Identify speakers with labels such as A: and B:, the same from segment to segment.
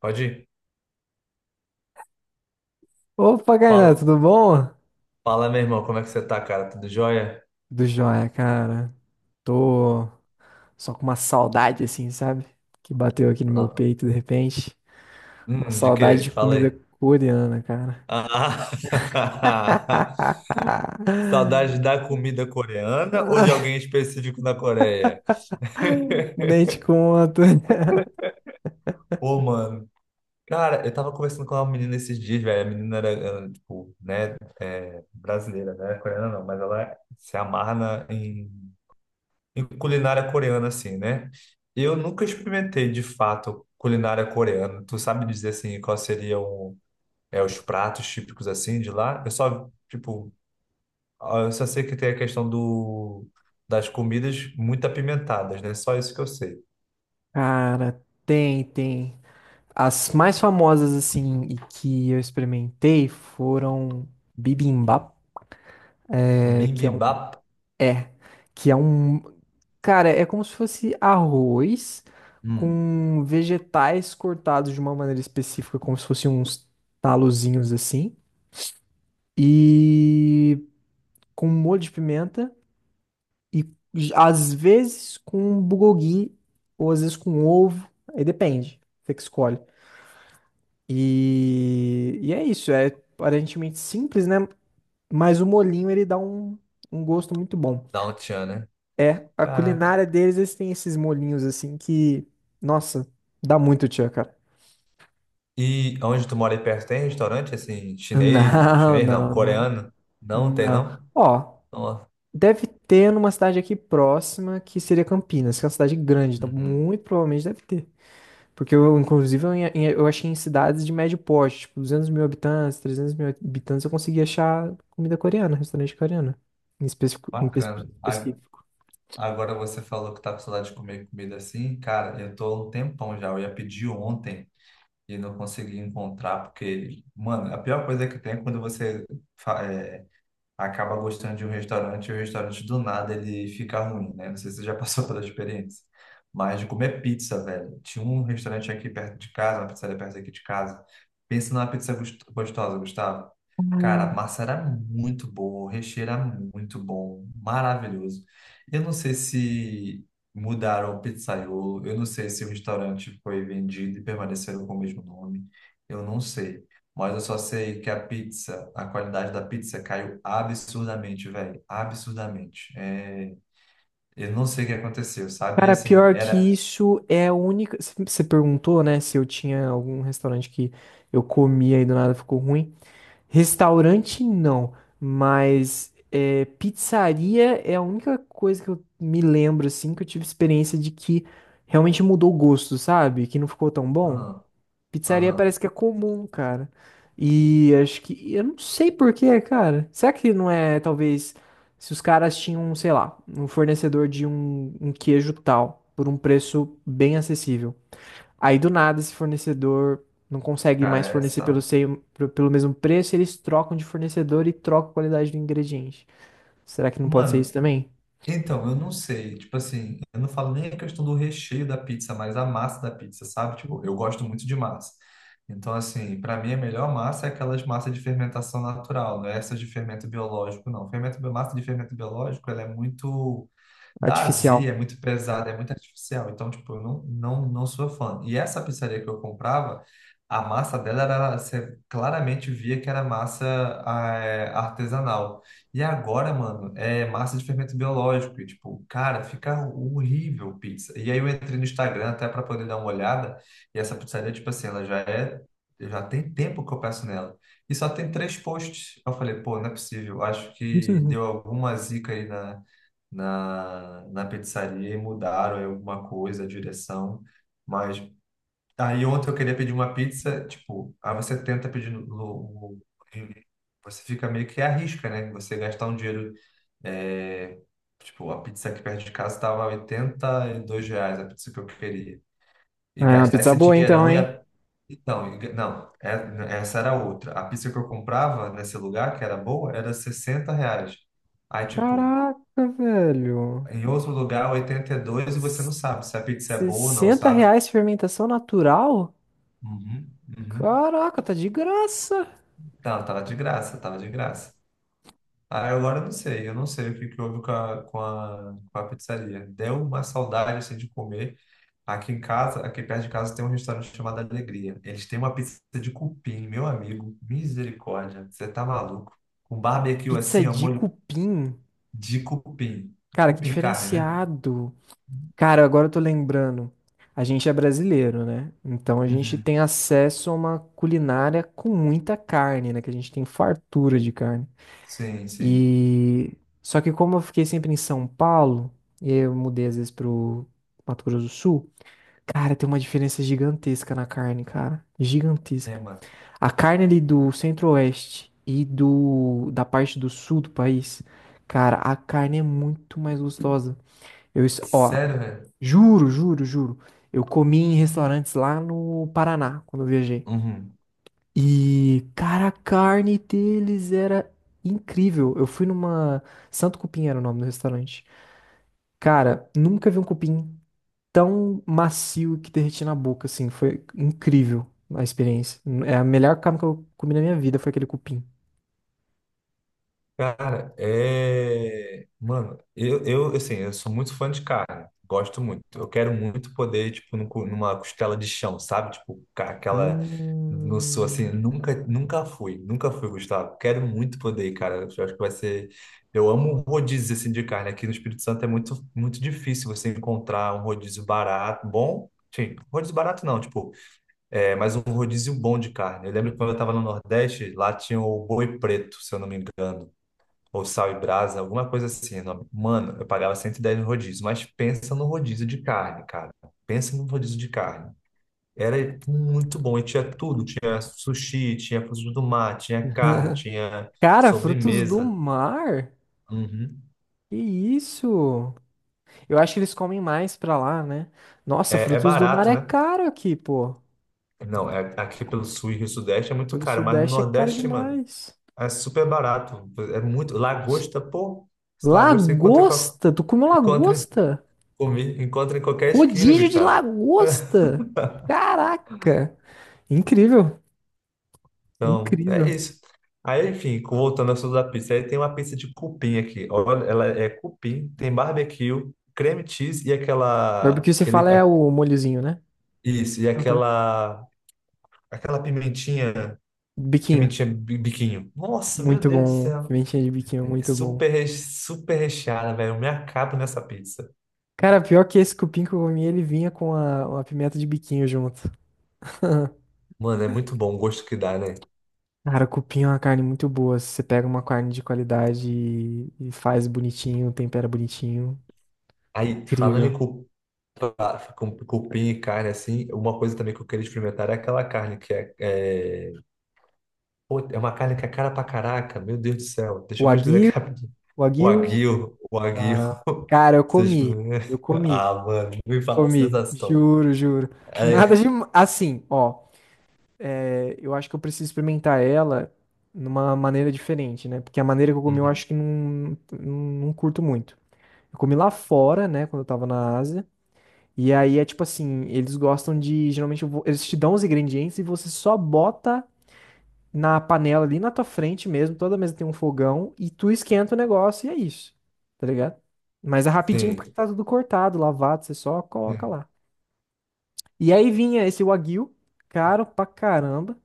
A: Pode ir.
B: Opa, Kainan,
A: Fala,
B: tudo bom?
A: fala, meu irmão, como é que você tá, cara? Tudo jóia?
B: Do joia, cara. Tô só com uma saudade, assim, sabe? Que bateu aqui no meu
A: Ah.
B: peito de repente. Uma
A: De
B: saudade
A: quê?
B: de
A: Fala
B: comida
A: aí.
B: coreana, cara.
A: Ah, saudade da comida coreana ou de alguém específico na Coreia?
B: Nem te conto.
A: Pô, mano, cara, eu tava conversando com uma menina esses dias, velho. A menina era tipo, né, é, brasileira, né? Coreana não, mas ela se amarra em culinária coreana, assim, né? Eu nunca experimentei, de fato, culinária coreana. Tu sabe dizer, assim, qual seria o, os pratos típicos assim de lá. Eu só, tipo, ah, eu só sei que tem a questão das comidas muito apimentadas, né? Só isso que eu sei.
B: Cara, tem, tem. As mais famosas, assim, e que eu experimentei foram bibimbap, é, que é um.
A: Bibimbap,
B: É. Que é um. Cara, é como se fosse arroz
A: hum,
B: com vegetais cortados de uma maneira específica, como se fossem uns talozinhos assim, e com um molho de pimenta, e às vezes com um bulgogi, ou às vezes com um ovo, aí depende, você que escolhe. E é isso, é aparentemente simples, né? Mas o molhinho ele dá um gosto muito bom.
A: dá um tchan, né?
B: É, a
A: Caraca.
B: culinária deles, eles têm esses molhinhos assim que, nossa, dá muito tchan, cara.
A: E onde tu mora aí perto tem restaurante assim, chinês, ou
B: Não,
A: chinês não,
B: não, não,
A: coreano? Não tem
B: não.
A: não?
B: Ó,
A: Ó,
B: deve ter numa cidade aqui próxima que seria Campinas, que é uma cidade grande, então
A: uhum.
B: muito provavelmente deve ter. Porque eu, inclusive, eu achei em cidades de médio porte, tipo 200 mil habitantes, 300 mil habitantes, eu consegui achar comida coreana, restaurante coreano, em específico. Em
A: Bacana.
B: específico.
A: Agora você falou que tá com saudade de comer comida assim. Cara, eu tô há um tempão já. Eu ia pedir ontem e não consegui encontrar, porque, mano, a pior coisa que tem é quando você fa- é, acaba gostando de um restaurante e o restaurante do nada ele fica ruim, né? Não sei se você já passou pela experiência. Mas de comer pizza, velho. Tinha um restaurante aqui perto de casa, uma pizzaria perto aqui de casa. Pensa numa pizza gostosa, Gustavo. Cara, a massa era muito boa, o recheio era muito bom, maravilhoso. Eu não sei se mudaram o pizzaiolo, eu não sei se o restaurante foi vendido e permaneceram com o mesmo nome. Eu não sei. Mas eu só sei que a pizza, a qualidade da pizza caiu absurdamente, velho. Absurdamente. É, eu não sei o que aconteceu, sabe? E
B: Cara,
A: assim,
B: pior que
A: era.
B: isso é a única. Você perguntou, né, se eu tinha algum restaurante que eu comia e do nada ficou ruim. Restaurante não, mas é, pizzaria é a única coisa que eu me lembro, assim, que eu tive experiência de que realmente mudou o gosto, sabe? Que não ficou tão bom.
A: Aham,
B: Pizzaria
A: aham,
B: parece que é comum, cara. E acho que. Eu não sei por quê, cara. Será que não é, talvez, se os caras tinham, sei lá, um fornecedor de um queijo tal, por um preço bem acessível. Aí do nada esse fornecedor não consegue mais
A: cara, é essa
B: fornecer pelo,
A: tá.
B: pelo mesmo preço, eles trocam de fornecedor e trocam a qualidade do ingrediente. Será que não pode ser isso
A: Mano,
B: também?
A: então, eu não sei. Tipo assim, eu não falo nem a questão do recheio da pizza, mas a massa da pizza, sabe? Tipo, eu gosto muito de massa. Então, assim, para mim a melhor massa é aquelas massas de fermentação natural, não é essas de fermento biológico, não. Massa de fermento biológico, ela é muito. Dá azia, é
B: Artificial.
A: muito pesada, é muito artificial. Então, tipo, eu não sou fã. E essa pizzaria que eu comprava, a massa dela era, você claramente via que era massa ah, é, artesanal. E agora, mano, é massa de fermento biológico. E, tipo, cara, fica horrível pizza. E aí eu entrei no Instagram até para poder dar uma olhada. E essa pizzaria, tipo assim, ela já é. Já tem tempo que eu peço nela. E só tem três posts. Eu falei, pô, não é possível. Acho que deu alguma zica aí na pizzaria e mudaram aí alguma coisa, a direção. Mas aí ontem eu queria pedir uma pizza, tipo, aí você tenta pedir no, você fica meio que arrisca, né? Você gastar um dinheiro, é, tipo, a pizza aqui perto de casa estava R$ 82, a pizza que eu queria.
B: É
A: E
B: uma
A: gastar
B: pizza
A: esse
B: boa então,
A: dinheirão e
B: hein?
A: a então, não, essa era outra. A pizza que eu comprava nesse lugar, que era boa, era R$ 60. Aí, tipo,
B: Caraca, velho.
A: em outro lugar, 82 e você não sabe se a pizza é boa ou não,
B: sessenta
A: sabe?
B: reais fermentação natural?
A: Uhum, uhum.
B: Caraca, tá de graça.
A: Não, tava de graça, tava de graça. Ah, agora eu não sei o que que houve com a pizzaria. Deu uma saudade, assim, de comer. Aqui em casa, aqui perto de casa, tem um restaurante chamado Alegria. Eles têm uma pizza de cupim, meu amigo. Misericórdia, você tá maluco. Com barbecue
B: Pizza
A: assim, ó,
B: de
A: molho
B: cupim.
A: de cupim.
B: Cara, que
A: Cupim carne, né?
B: diferenciado. Cara, agora eu tô lembrando. A gente é brasileiro, né? Então a gente
A: Uhum.
B: tem acesso a uma culinária com muita carne, né? Que a gente tem fartura de carne.
A: Sim, sim.
B: E só que como eu fiquei sempre em São Paulo, e aí eu mudei às vezes pro Mato Grosso do Sul, cara, tem uma diferença gigantesca na carne, cara.
A: É,
B: Gigantesca.
A: mano.
B: A carne ali do centro-oeste e do da parte do sul do país, cara, a carne é muito mais gostosa. Ó,
A: Sério, velho?
B: juro, juro, juro. Eu comi em restaurantes lá no Paraná quando eu viajei.
A: Uhum.
B: E, cara, a carne deles era incrível. Eu fui numa Santo Cupim era o nome do restaurante. Cara, nunca vi um cupim tão macio que derreti na boca, assim. Foi incrível a experiência. É a melhor carne que eu comi na minha vida, foi aquele cupim.
A: Cara, é. Mano, eu, assim, eu sou muito fã de carne. Gosto muito. Eu quero muito poder, tipo, numa costela de chão, sabe? Tipo, ca- aquela. Não sou assim,
B: Hum.
A: nunca fui, Gustavo. Quero muito poder, cara. Eu acho que vai ser. Eu amo rodízio, assim, de carne. Aqui no Espírito Santo é muito, muito difícil você encontrar um rodízio barato, bom. Sim, rodízio barato não, tipo, é, mas um rodízio bom de carne. Eu lembro que quando eu tava no Nordeste, lá tinha o boi preto, se eu não me engano, ou sal e brasa, alguma coisa assim o nome. Mano, eu pagava 110 no rodízio, mas pensa no rodízio de carne, cara. Pensa no rodízio de carne. Era muito bom e tinha tudo, tinha sushi, tinha frutos do mar, tinha carne, tinha
B: Cara, frutos do
A: sobremesa.
B: mar?
A: Uhum.
B: Que isso? Eu acho que eles comem mais pra lá, né? Nossa,
A: É, é
B: frutos do mar
A: barato,
B: é
A: né?
B: caro aqui, pô.
A: Não, é, aqui pelo sul e Rio Sudeste é
B: E
A: muito
B: pelo
A: caro, mas no
B: Sudeste é caro
A: Nordeste, mano,
B: demais.
A: é super barato. É muito. Lagosta, pô, esse lagosta você encontra,
B: Lagosta? Tu comeu
A: encontra,
B: lagosta?
A: comi, encontra em qualquer esquina,
B: Rodízio de
A: Gustavo.
B: lagosta? Caraca! Incrível,
A: Então, é
B: incrível.
A: isso. Aí, enfim, voltando ao assunto da pizza, aí tem uma pizza de cupim aqui. Olha, ela é cupim, tem barbecue, creme cheese e
B: Mas
A: aquela,
B: porque você fala
A: aquele,
B: é
A: a-
B: o molhozinho, né?
A: isso, e
B: Ah, tá.
A: aquela, aquela pimentinha,
B: Biquinho.
A: biquinho. Nossa, meu
B: Muito
A: Deus do
B: bom.
A: céu.
B: Pimentinha de biquinho,
A: É
B: muito bom.
A: super, super recheada, velho. Eu me acabo nessa pizza.
B: Cara, pior que esse cupim que eu comi, ele vinha com a, uma pimenta de biquinho junto.
A: Mano, é muito bom o gosto que dá, né?
B: Cara, cupim é uma carne muito boa. Se você pega uma carne de qualidade e faz bonitinho, tempera bonitinho,
A: Aí, falando em
B: incrível.
A: cu- Com cupim e carne, assim, uma coisa também que eu queria experimentar é aquela carne que é, é Pô, é uma carne que é cara pra caraca, meu Deus do céu. Deixa
B: O
A: eu pesquisar aqui
B: aguil,
A: rapidinho.
B: o
A: O
B: aguil.
A: aguil, o aguil.
B: Ah, cara,
A: Vocês...
B: eu comi,
A: Ah, mano, me fala a
B: comi,
A: sensação.
B: juro, juro. Nada
A: É...
B: de assim, ó. É, eu acho que eu preciso experimentar ela numa maneira diferente, né? Porque a maneira que eu comi, eu
A: Uhum.
B: acho que não curto muito. Eu comi lá fora, né? Quando eu tava na Ásia. E aí é tipo assim, eles gostam de, geralmente eles te dão os ingredientes e você só bota na panela ali na tua frente mesmo, toda mesa tem um fogão e tu esquenta o negócio e é isso. Tá ligado? Mas é rapidinho porque
A: Sim.
B: tá tudo cortado, lavado, você só coloca
A: Uhum.
B: lá. E aí vinha esse wagyu, caro pra caramba,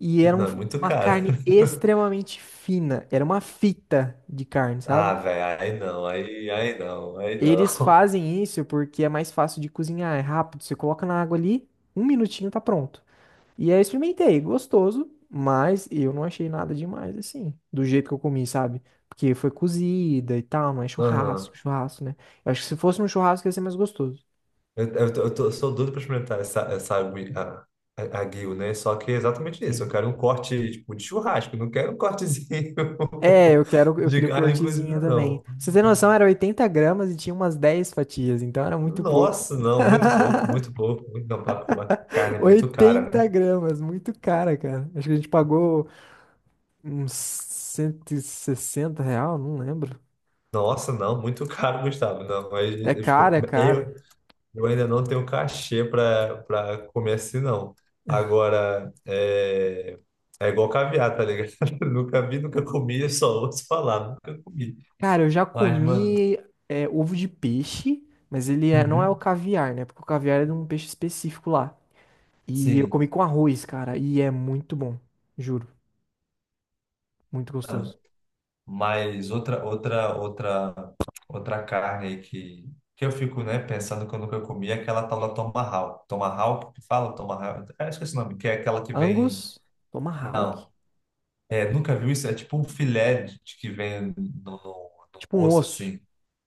B: e era
A: Não, é muito
B: uma
A: caro.
B: carne extremamente fina, era uma fita de carne,
A: Ah,
B: sabe?
A: velho, aí não.
B: Eles fazem isso porque é mais fácil de cozinhar, é rápido, você coloca na água ali, um minutinho tá pronto. E aí eu experimentei, gostoso, mas eu não achei nada demais assim, do jeito que eu comi, sabe? Porque foi cozida e tal, não é
A: Aham.
B: churrasco, churrasco, né? Eu acho que se fosse um churrasco ia ser mais gostoso.
A: Sou doido pra experimentar essa aguil, né? Só que é exatamente isso. Eu
B: Sim.
A: quero um corte, tipo, de churrasco. Eu Não quero um cortezinho
B: É, eu quero, eu
A: de
B: queria o
A: carne
B: cortezinho
A: cozida,
B: também.
A: não.
B: Pra você tem noção, era 80 g e tinha umas 10 fatias, então era muito pouco.
A: Nossa, não, muito pouco, muito pouco. Muito, não, tá, porque é uma carne muito cara,
B: oitenta
A: né?
B: gramas, muito cara, cara. Acho que a gente pagou uns R$ 160, não lembro.
A: Nossa, não, muito caro, Gustavo. Não, mas
B: É
A: eu,
B: caro,
A: tipo,
B: é caro.
A: eu ainda não tenho cachê para comer assim, não. Agora, é, é igual caviar, tá ligado? Nunca vi, nunca comi, eu só ouço falar, nunca comi.
B: Cara, eu já
A: Mas, mano,
B: comi é, ovo de peixe, mas ele não é o
A: uhum.
B: caviar, né? Porque o caviar é de um peixe específico lá. E eu comi
A: Sim.
B: com arroz, cara, e é muito bom. Juro, muito
A: Ah.
B: gostoso.
A: Mas outra carne aí que eu fico, né, pensando que eu nunca comi é aquela tal da tomahawk. Tomahawk, que fala tomahawk? É, esqueci o nome, que é aquela que vem...
B: Angus, tomahawk,
A: Não, é, nunca viu isso? É tipo um filé de, que vem no
B: tipo um
A: osso,
B: osso.
A: assim.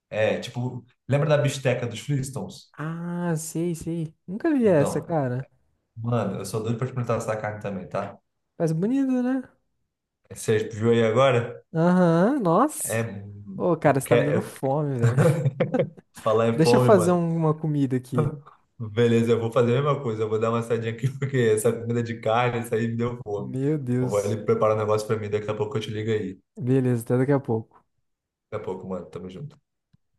A: É, tipo... Lembra da bisteca dos Flintstones?
B: Ah, sei, sei. Nunca vi essa,
A: Então,
B: cara.
A: mano, eu sou doido pra experimentar essa carne também, tá?
B: Mas bonito, né?
A: Você viu aí agora?
B: Aham,
A: É...
B: nossa. Ô,
A: Eu
B: cara, você tá me dando
A: quero, eu-
B: fome, velho.
A: falar em
B: Deixa eu
A: fome,
B: fazer
A: mano.
B: uma comida aqui.
A: Beleza, eu vou fazer a mesma coisa. Eu vou dar uma saidinha aqui, porque essa comida de carne, isso aí me deu fome.
B: Meu
A: Eu vou
B: Deus.
A: ali preparar um negócio pra mim. Daqui a pouco eu te ligo aí.
B: Beleza, até daqui a pouco.
A: Daqui a pouco, mano. Tamo junto.